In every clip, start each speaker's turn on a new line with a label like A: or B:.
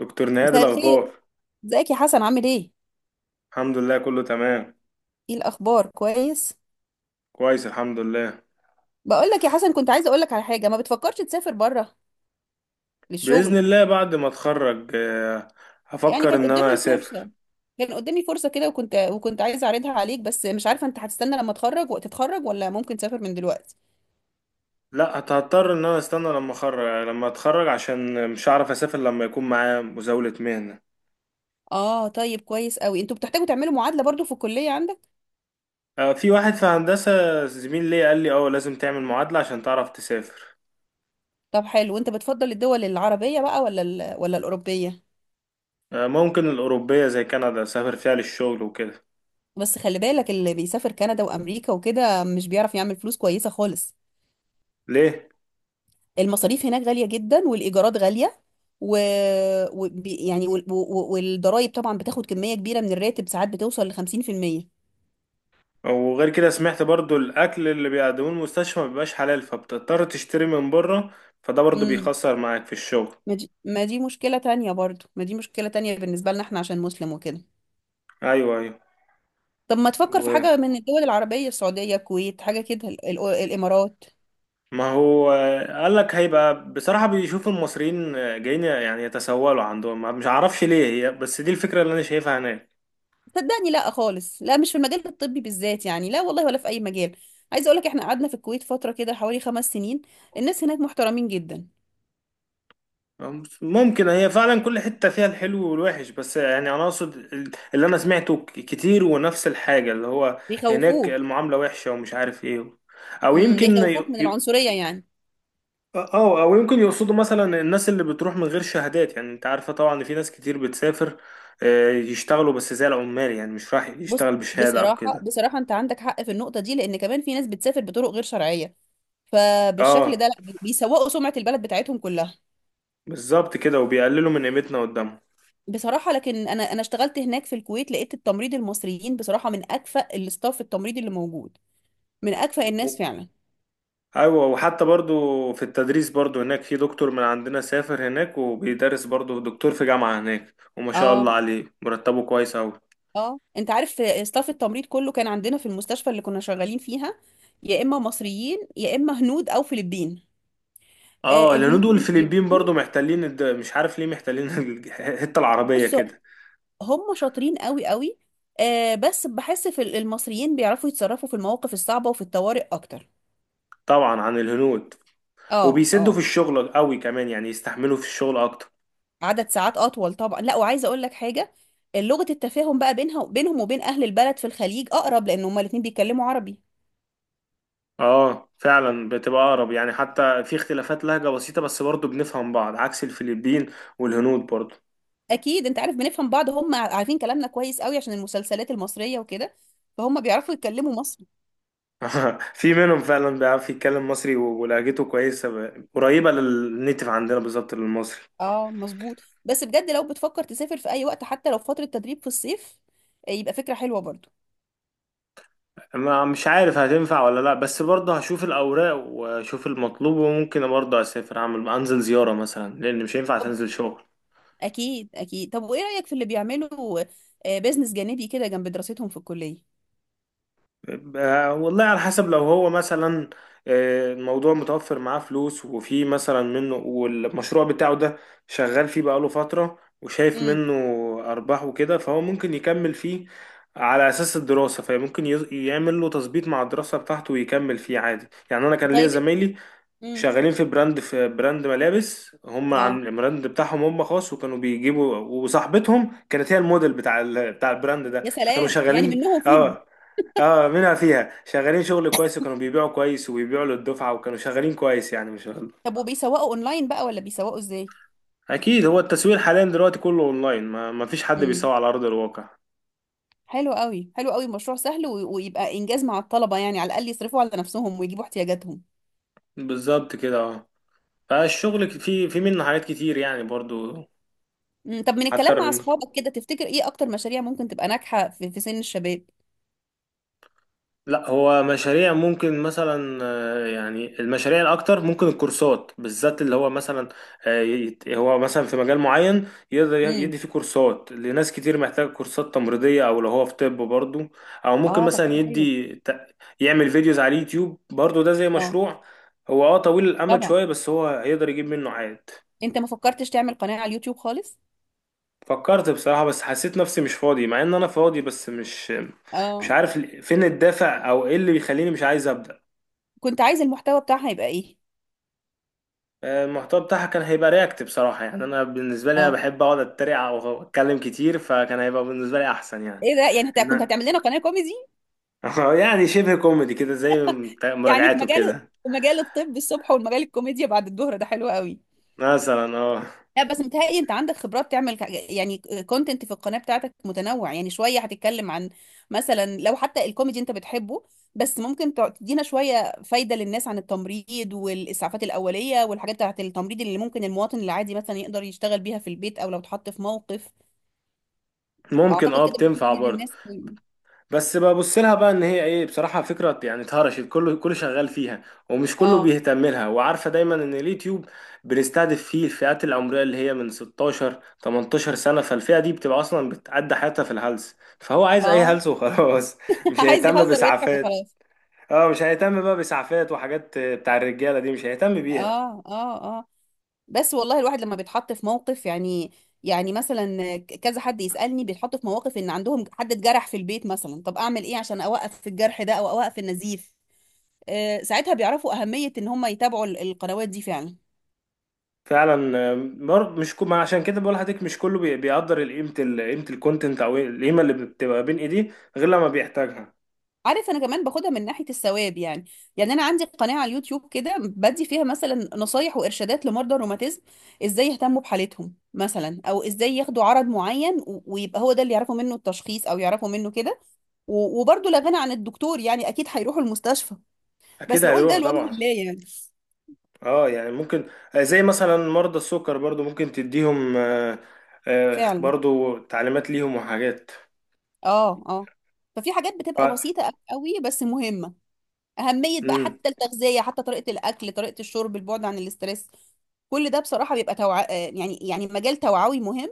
A: دكتور نهاد
B: مساء الخير.
A: الأخبار.
B: ازيك يا حسن؟ عامل ايه؟
A: الحمد لله كله تمام.
B: ايه الاخبار؟ كويس.
A: كويس الحمد لله.
B: بقول لك يا حسن، كنت عايزه اقول لك على حاجه. ما بتفكرش تسافر بره
A: بإذن
B: للشغل؟
A: الله بعد ما أتخرج،
B: يعني
A: هفكر إن أنا أسافر.
B: كان قدامي فرصه كده، وكنت عايزه اعرضها عليك، بس مش عارفه انت هتستنى لما تتخرج وقت تتخرج ولا ممكن تسافر من دلوقتي.
A: لا هضطر إن أنا أستنى لما أخرج لما أتخرج، عشان مش هعرف أسافر لما يكون معايا مزاولة مهنة.
B: اه طيب، كويس قوي. انتوا بتحتاجوا تعملوا معادله برضو في الكليه عندك؟
A: في واحد في هندسة زميل ليا قال لي أه لازم تعمل معادلة عشان تعرف تسافر.
B: طب حلو. وانت بتفضل الدول العربيه بقى ولا ولا الاوروبيه؟
A: ممكن الأوروبية زي كندا أسافر فيها للشغل وكده.
B: بس خلي بالك، اللي بيسافر كندا وامريكا وكده مش بيعرف يعمل فلوس كويسه خالص.
A: ليه؟
B: المصاريف هناك غالية جدا، والإيجارات غالية، و... و... بي- يعني وال... و... والضرايب طبعا بتاخد كمية كبيرة من الراتب، ساعات بتوصل ل 50%.
A: وغير كده سمعت برضو الاكل اللي بيقدموه المستشفى ما بيبقاش حلال، فبتضطر تشتري من بره، فده برضو
B: امم.
A: بيخسر معاك في الشغل.
B: ما دي مشكلة تانية برضو، ما دي مشكلة تانية بالنسبة لنا احنا عشان مسلم وكده.
A: ايوه ايوه.
B: طب ما تفكر في
A: و-
B: حاجة من الدول العربية، السعودية، الكويت، حاجة كده، الإمارات؟
A: ما هو قال لك هيبقى بصراحة بيشوف المصريين جايين يعني يتسولوا عندهم، مش عارفش ليه هي، بس دي الفكرة اللي انا شايفها هناك.
B: صدقني لا خالص، لا مش في المجال الطبي بالذات يعني، لا والله ولا في أي مجال. عايزة أقولك احنا قعدنا في الكويت فترة كده حوالي 5 سنين. الناس هناك محترمين جدا.
A: ممكن هي فعلا كل حتة فيها الحلو والوحش، بس يعني انا اقصد اللي انا سمعته كتير ونفس الحاجة، اللي هو هناك
B: بيخوفوك.
A: المعاملة وحشة ومش عارف ايه، او
B: امم،
A: يمكن.
B: بيخوفوك من العنصرية يعني.
A: اه او يمكن يقصدوا مثلا الناس اللي بتروح من غير شهادات، يعني انت عارفه طبعا ان في ناس كتير بتسافر يشتغلوا بس زي العمال، يعني مش راح
B: بص،
A: يشتغل بشهاده او
B: بصراحة
A: كده.
B: بصراحة انت عندك حق في النقطة دي، لان كمان في ناس بتسافر بطرق غير شرعية. فبالشكل ده
A: اه
B: لا بيسوقوا سمعة البلد بتاعتهم كلها.
A: بالظبط كده، وبيقللوا من قيمتنا قدامهم.
B: بصراحة لكن انا اشتغلت هناك في الكويت، لقيت التمريض المصريين بصراحة من اكفأ الاستاف التمريض اللي موجود، من اكفأ الناس
A: و-
B: فعلا.
A: ايوه وحتى برضو في التدريس برضو هناك في دكتور من عندنا سافر هناك وبيدرس برضو دكتور في جامعه هناك، وما شاء الله
B: اه
A: عليه مرتبه كويس اوي.
B: اه. انت عارف استاف التمريض كله كان عندنا في المستشفى اللي كنا شغالين فيها، يا اما مصريين يا اما هنود او فلبين.
A: اه
B: آه، الهنود
A: الهنود
B: والفلبين.
A: والفلبين برضو محتلين مش عارف ليه محتلين الحته العربيه
B: بص،
A: كده.
B: هم شاطرين قوي قوي. آه بس بحس في المصريين بيعرفوا يتصرفوا في المواقف الصعبة وفي الطوارئ اكتر.
A: طبعا عن الهنود.
B: اه
A: وبيسدوا في
B: اه.
A: الشغل قوي كمان، يعني يستحملوا في الشغل اكتر.
B: عدد ساعات اطول طبعا. لا، وعايزه اقول لك حاجه، لغه التفاهم بقى بينها بينهم وبين اهل البلد في الخليج اقرب، لان هما الاتنين بيتكلموا عربي.
A: اه فعلا بتبقى اقرب، يعني حتى في اختلافات لهجة بسيطة بس برضه بنفهم بعض، عكس الفلبين والهنود برضه.
B: اكيد انت عارف، بنفهم بعض. هم عارفين كلامنا كويس قوي عشان المسلسلات المصريه وكده، فهم بيعرفوا يتكلموا مصري.
A: في منهم فعلا بيعرف يتكلم مصري ولهجته كويسة، قريبة للنيتف عندنا بالظبط للمصري.
B: اه مظبوط. بس بجد لو بتفكر تسافر في اي وقت حتى لو فتره تدريب في الصيف، يبقى فكره حلوه برضو.
A: ما مش عارف هتنفع ولا لا، بس برضه هشوف الأوراق واشوف المطلوب، وممكن برضه اسافر اعمل انزل زيارة مثلا، لان مش هينفع تنزل شغل.
B: اكيد اكيد. طب وايه رأيك في اللي بيعملوا بيزنس جانبي كده جنب دراستهم في الكلية؟
A: والله على حسب، لو هو مثلا الموضوع متوفر معاه فلوس، وفي مثلا منه والمشروع بتاعه ده شغال فيه بقاله فترة وشايف
B: امم.
A: منه أرباح وكده، فهو ممكن يكمل فيه على أساس الدراسة، فممكن يعمل له تظبيط مع الدراسة بتاعته ويكمل فيه عادي. يعني أنا كان ليا
B: طيب.
A: زمايلي
B: امم.
A: شغالين في براند، في براند ملابس هم،
B: اه.
A: عن البراند بتاعهم هم خاص، وكانوا بيجيبوا، وصاحبتهم كانت هي الموديل بتاع بتاع البراند ده،
B: يا
A: فكانوا
B: سلام، يعني
A: شغالين.
B: منهم فيهم.
A: اه اه منها فيها شغالين شغل كويس، وكانوا بيبيعوا كويس وبيبيعوا للدفعة، وكانوا شغالين كويس يعني، مش غلط.
B: طب وبيسوقوا اونلاين بقى ولا بيسوقوا ازاي؟
A: اكيد هو التسويق حاليا دلوقتي كله اونلاين، ما فيش حد بيسوق
B: امم.
A: على ارض الواقع.
B: حلو قوي حلو قوي، مشروع سهل ويبقى انجاز مع الطلبة، يعني على الاقل يصرفوا على نفسهم ويجيبوا احتياجاتهم.
A: بالظبط كده اه. فالشغل في منه حاجات كتير يعني برضو.
B: امم. طب من
A: حتى
B: الكلام مع اصحابك كده، تفتكر ايه اكتر مشاريع ممكن تبقى ناجحة في, في سن الشباب؟
A: لا هو مشاريع ممكن مثلا يعني المشاريع الاكتر ممكن الكورسات بالذات، اللي هو مثلا هو مثلا في مجال معين يقدر
B: امم.
A: يدي فيه كورسات لناس كتير محتاجه كورسات تمريضيه، او لو هو في طب برضه. او ممكن
B: اه طب
A: مثلا
B: حاجة حلوة.
A: يعمل فيديوز على اليوتيوب برضه، ده زي
B: اه.
A: مشروع هو اه طويل الامد
B: طبعا.
A: شويه، بس هو هيقدر يجيب منه عائد.
B: انت ما فكرتش تعمل قناة على اليوتيوب خالص؟
A: فكرت بصراحه، بس حسيت نفسي مش فاضي، مع ان انا فاضي، بس مش
B: اه
A: عارف فين الدافع او ايه اللي بيخليني مش عايز ابدا.
B: كنت عايز المحتوى بتاعها يبقى ايه؟
A: المحتوى بتاعها كان هيبقى رياكت بصراحة، يعني أنا بالنسبة لي أنا
B: اه.
A: بحب أقعد أتريق أو أتكلم كتير، فكان هيبقى بالنسبة لي أحسن يعني.
B: ايه ده، يعني انت كنت
A: إن
B: هتعمل لنا قناه كوميدي؟
A: يعني شبه كوميدي كده، زي
B: يعني في
A: مراجعاته
B: مجال،
A: كده.
B: في مجال الطب الصبح والمجال الكوميديا بعد الظهر، ده حلو قوي.
A: مثلا اه.
B: لا بس متهيألي انت عندك خبرات تعمل يعني كونتنت في القناه بتاعتك متنوع، يعني شويه هتتكلم عن مثلا لو حتى الكوميدي انت بتحبه، بس ممكن تدينا شويه فايده للناس عن التمريض والاسعافات الاوليه والحاجات بتاعت التمريض اللي ممكن المواطن العادي مثلا يقدر يشتغل بيها في البيت او لو اتحط في موقف.
A: ممكن
B: اعتقد
A: اه
B: كده ممكن
A: بتنفع
B: تفيد
A: برضه.
B: الناس.
A: بس ببص لها بقى ان هي ايه، بصراحه فكره، يعني اتهرشت كله كله شغال فيها، ومش كله
B: اه
A: بيهتم لها، وعارفه دايما ان اليوتيوب بنستهدف فيه الفئات العمريه اللي هي من 16 18 سنه، فالفئه دي بتبقى اصلا بتعدي حياتها في الهلس، فهو عايز اي
B: اه.
A: هلس وخلاص، مش
B: عايز
A: هيهتم
B: يهزر ويضحك
A: باسعافات.
B: وخلاص.
A: اه مش هيهتم بقى باسعافات، وحاجات بتاع الرجاله دي مش هيهتم بيها.
B: اه اه اه. بس والله الواحد لما بيتحط في موقف يعني، يعني مثلا كذا حد يسألني بيتحط في مواقف ان عندهم حد اتجرح في البيت مثلا، طب اعمل ايه عشان اوقف الجرح ده او اوقف النزيف؟ آه ساعتها بيعرفوا اهمية ان هم يتابعوا القنوات دي فعلا.
A: فعلا مش كو... ما عشان كده بقول لحضرتك مش كله بيقدر قيمه قيمه الكونتنت، او القيمه اللي بتبقى بين ايديه غير لما بيحتاجها.
B: عارف، انا كمان باخدها من ناحية الثواب يعني. يعني انا عندي قناة على اليوتيوب كده، بدي فيها مثلا نصايح وارشادات لمرضى الروماتيزم، ازاي يهتموا بحالتهم مثلا او ازاي ياخدوا عرض معين، ويبقى هو ده اللي يعرفوا منه التشخيص او يعرفوا منه كده. وبرضه لا غنى عن الدكتور يعني، اكيد هيروحوا المستشفى. بس
A: اكيد
B: بقول ده
A: هيروحوا
B: لوجه
A: طبعا.
B: الله يعني.
A: اه يعني ممكن، زي مثلا مرضى السكر برضو ممكن تديهم
B: فعلا.
A: برضو تعليمات ليهم وحاجات.
B: اه اه. ففي حاجات بتبقى
A: ف
B: بسيطة قوي بس مهمة. أهمية بقى
A: مم.
B: حتى التغذية، حتى طريقة الأكل، طريقة الشرب، البعد عن الاسترس. كل ده بصراحة بيبقى توع... آه، يعني يعني مجال توعوي مهم،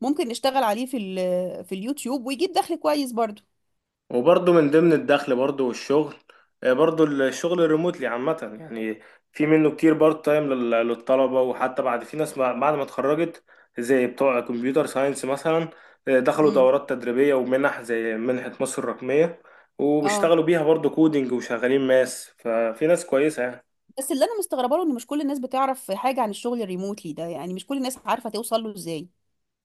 B: ممكن نشتغل عليه في في اليوتيوب، ويجيب دخل كويس برضو.
A: وبرضو من ضمن الدخل برضو والشغل، برضو الشغل الريموتلي عامة يعني، في منه كتير بارت تايم للطلبة. وحتى بعد، في ناس بعد ما اتخرجت زي بتوع كمبيوتر ساينس مثلا، دخلوا
B: امم.
A: دورات تدريبية ومنح زي منحة مصر الرقمية،
B: اه
A: وبيشتغلوا بيها برضو كودينج، وشغالين ماس، ففي ناس كويسة يعني.
B: بس اللي انا مستغربه له ان مش كل الناس بتعرف حاجة عن الشغل الريموتلي ده، يعني مش كل الناس عارفة توصل له ازاي.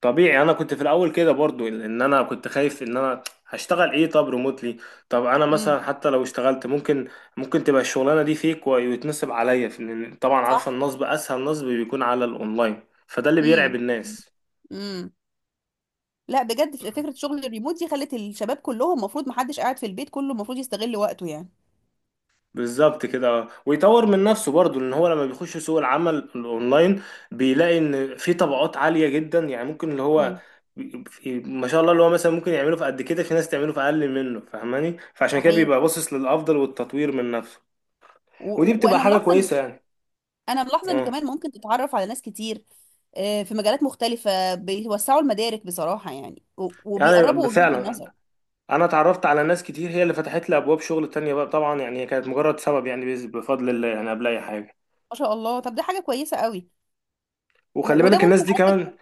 A: طبيعي انا كنت في الاول كده برضو، ان انا كنت خايف ان انا هشتغل ايه، طب ريموتلي، طب انا
B: امم.
A: مثلا حتى لو اشتغلت ممكن تبقى الشغلانه دي فيك ويتنصب عليا في، لأن طبعا عارفه
B: صح.
A: النصب اسهل نصب بيكون على الاونلاين، فده اللي بيرعب
B: امم.
A: الناس.
B: امم. لا بجد، فكره شغل الريموت دي خلت الشباب كلهم، المفروض محدش قاعد في البيت، كله المفروض يستغل وقته يعني.
A: بالظبط كده ويطور من نفسه برضو، ان هو لما بيخش سوق العمل الاونلاين بيلاقي ان في طبقات عاليه جدا، يعني ممكن اللي هو
B: امم.
A: ما شاء الله اللي هو مثلا ممكن يعمله في قد كده، في ناس تعمله في اقل منه فاهماني، فعشان كده
B: صحيح.
A: بيبقى باصص للافضل والتطوير من نفسه، ودي بتبقى
B: وانا
A: حاجة كويسة يعني.
B: انا ملاحظه ان
A: اه
B: كمان ممكن تتعرف على ناس كتير في مجالات مختلفه، بيوسعوا المدارك بصراحه يعني،
A: يعني
B: وبيقربوا وجهه
A: فعلا
B: النظر.
A: انا اتعرفت على ناس كتير، هي اللي فتحت لي ابواب شغل تانية بقى طبعا، يعني هي كانت مجرد سبب، يعني بفضل الله يعني قبل اي حاجة.
B: ما شاء الله، طب ده حاجه كويسه قوي.
A: وخلي
B: وده
A: بالك الناس
B: ممكن
A: دي
B: على
A: كمان
B: فكره.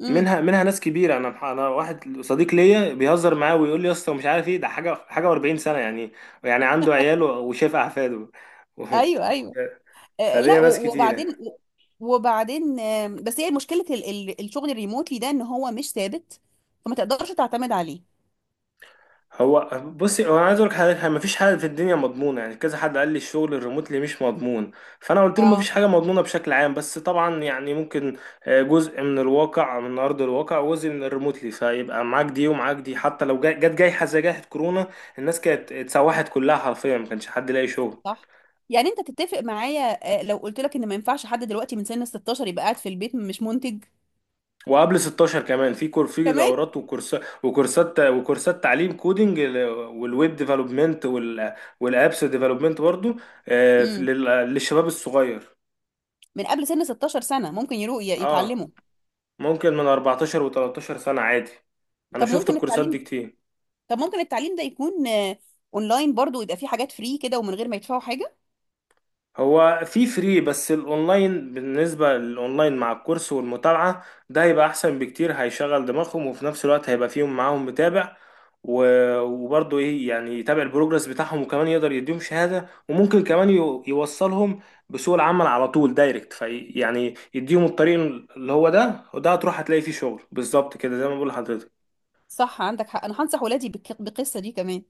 B: امم.
A: منها منها ناس كبيرة، انا انا واحد صديق ليا بيهزر معاه ويقول لي يا اسطى مش عارف ايه ده، حاجة حاجة و40 سنة يعني، يعني عنده عياله وشايف احفاده.
B: ايوه ايوه. لا
A: فليا ناس
B: وبعدين،
A: كتير.
B: وبعدين، بس هي مشكلة الشغل الريموتلي ده ان هو مش ثابت، فما تقدرش تعتمد عليه.
A: هو بصي هو انا عايز اقول لك حاجه، يعني مفيش حاجه في الدنيا مضمونه، يعني كذا حد قال لي الشغل الريموتلي مش مضمون، فانا قلت له مفيش
B: اه.
A: حاجه مضمونه بشكل عام، بس طبعا يعني ممكن جزء من الواقع من ارض الواقع، وجزء من الريموتلي، فيبقى معاك دي ومعاك دي، حتى لو جت جايحه زي جائحه كورونا، الناس كانت اتسوحت كلها حرفيا، ما كانش حد لاقي شغل.
B: صح. يعني انت تتفق معايا لو قلت لك ان ما ينفعش حد دلوقتي من سن 16 يبقى قاعد في البيت مش منتج؟
A: وقبل 16 كمان في
B: كمان.
A: دورات وكورسات تعليم كودينج، والويب ديفلوبمنت، والابس ديفلوبمنت برضو
B: امم.
A: للشباب الصغير.
B: من قبل سن 16 سنة ممكن يروح
A: اه
B: يتعلموا.
A: ممكن من 14 و13 سنة عادي، انا
B: طب
A: شفت
B: ممكن
A: الكورسات دي
B: التعليم،
A: كتير.
B: طب ممكن التعليم ده يكون اونلاين برضو، ويبقى فيه حاجات فري كده ومن غير ما يدفعوا حاجة.
A: هو في فري، بس الاونلاين بالنسبة للاونلاين مع الكورس والمتابعة ده هيبقى احسن بكتير، هيشغل دماغهم وفي نفس الوقت هيبقى فيهم معاهم متابع، وبرضه ايه يعني يتابع البروجرس بتاعهم، وكمان يقدر يديهم شهادة، وممكن كمان يوصلهم بسوق العمل على طول دايركت، في يعني يديهم الطريق اللي هو ده، وده هتروح هتلاقي فيه شغل بالظبط كده زي ما بقول لحضرتك.
B: صح، عندك حق. انا هنصح ولادي بالقصة دي كمان.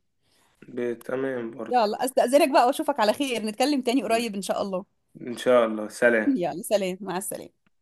A: تمام برضه.
B: يلا استأذنك بقى، واشوفك على خير، نتكلم تاني قريب ان شاء الله.
A: إن شاء الله سلام.
B: يلا سلام، مع السلامة.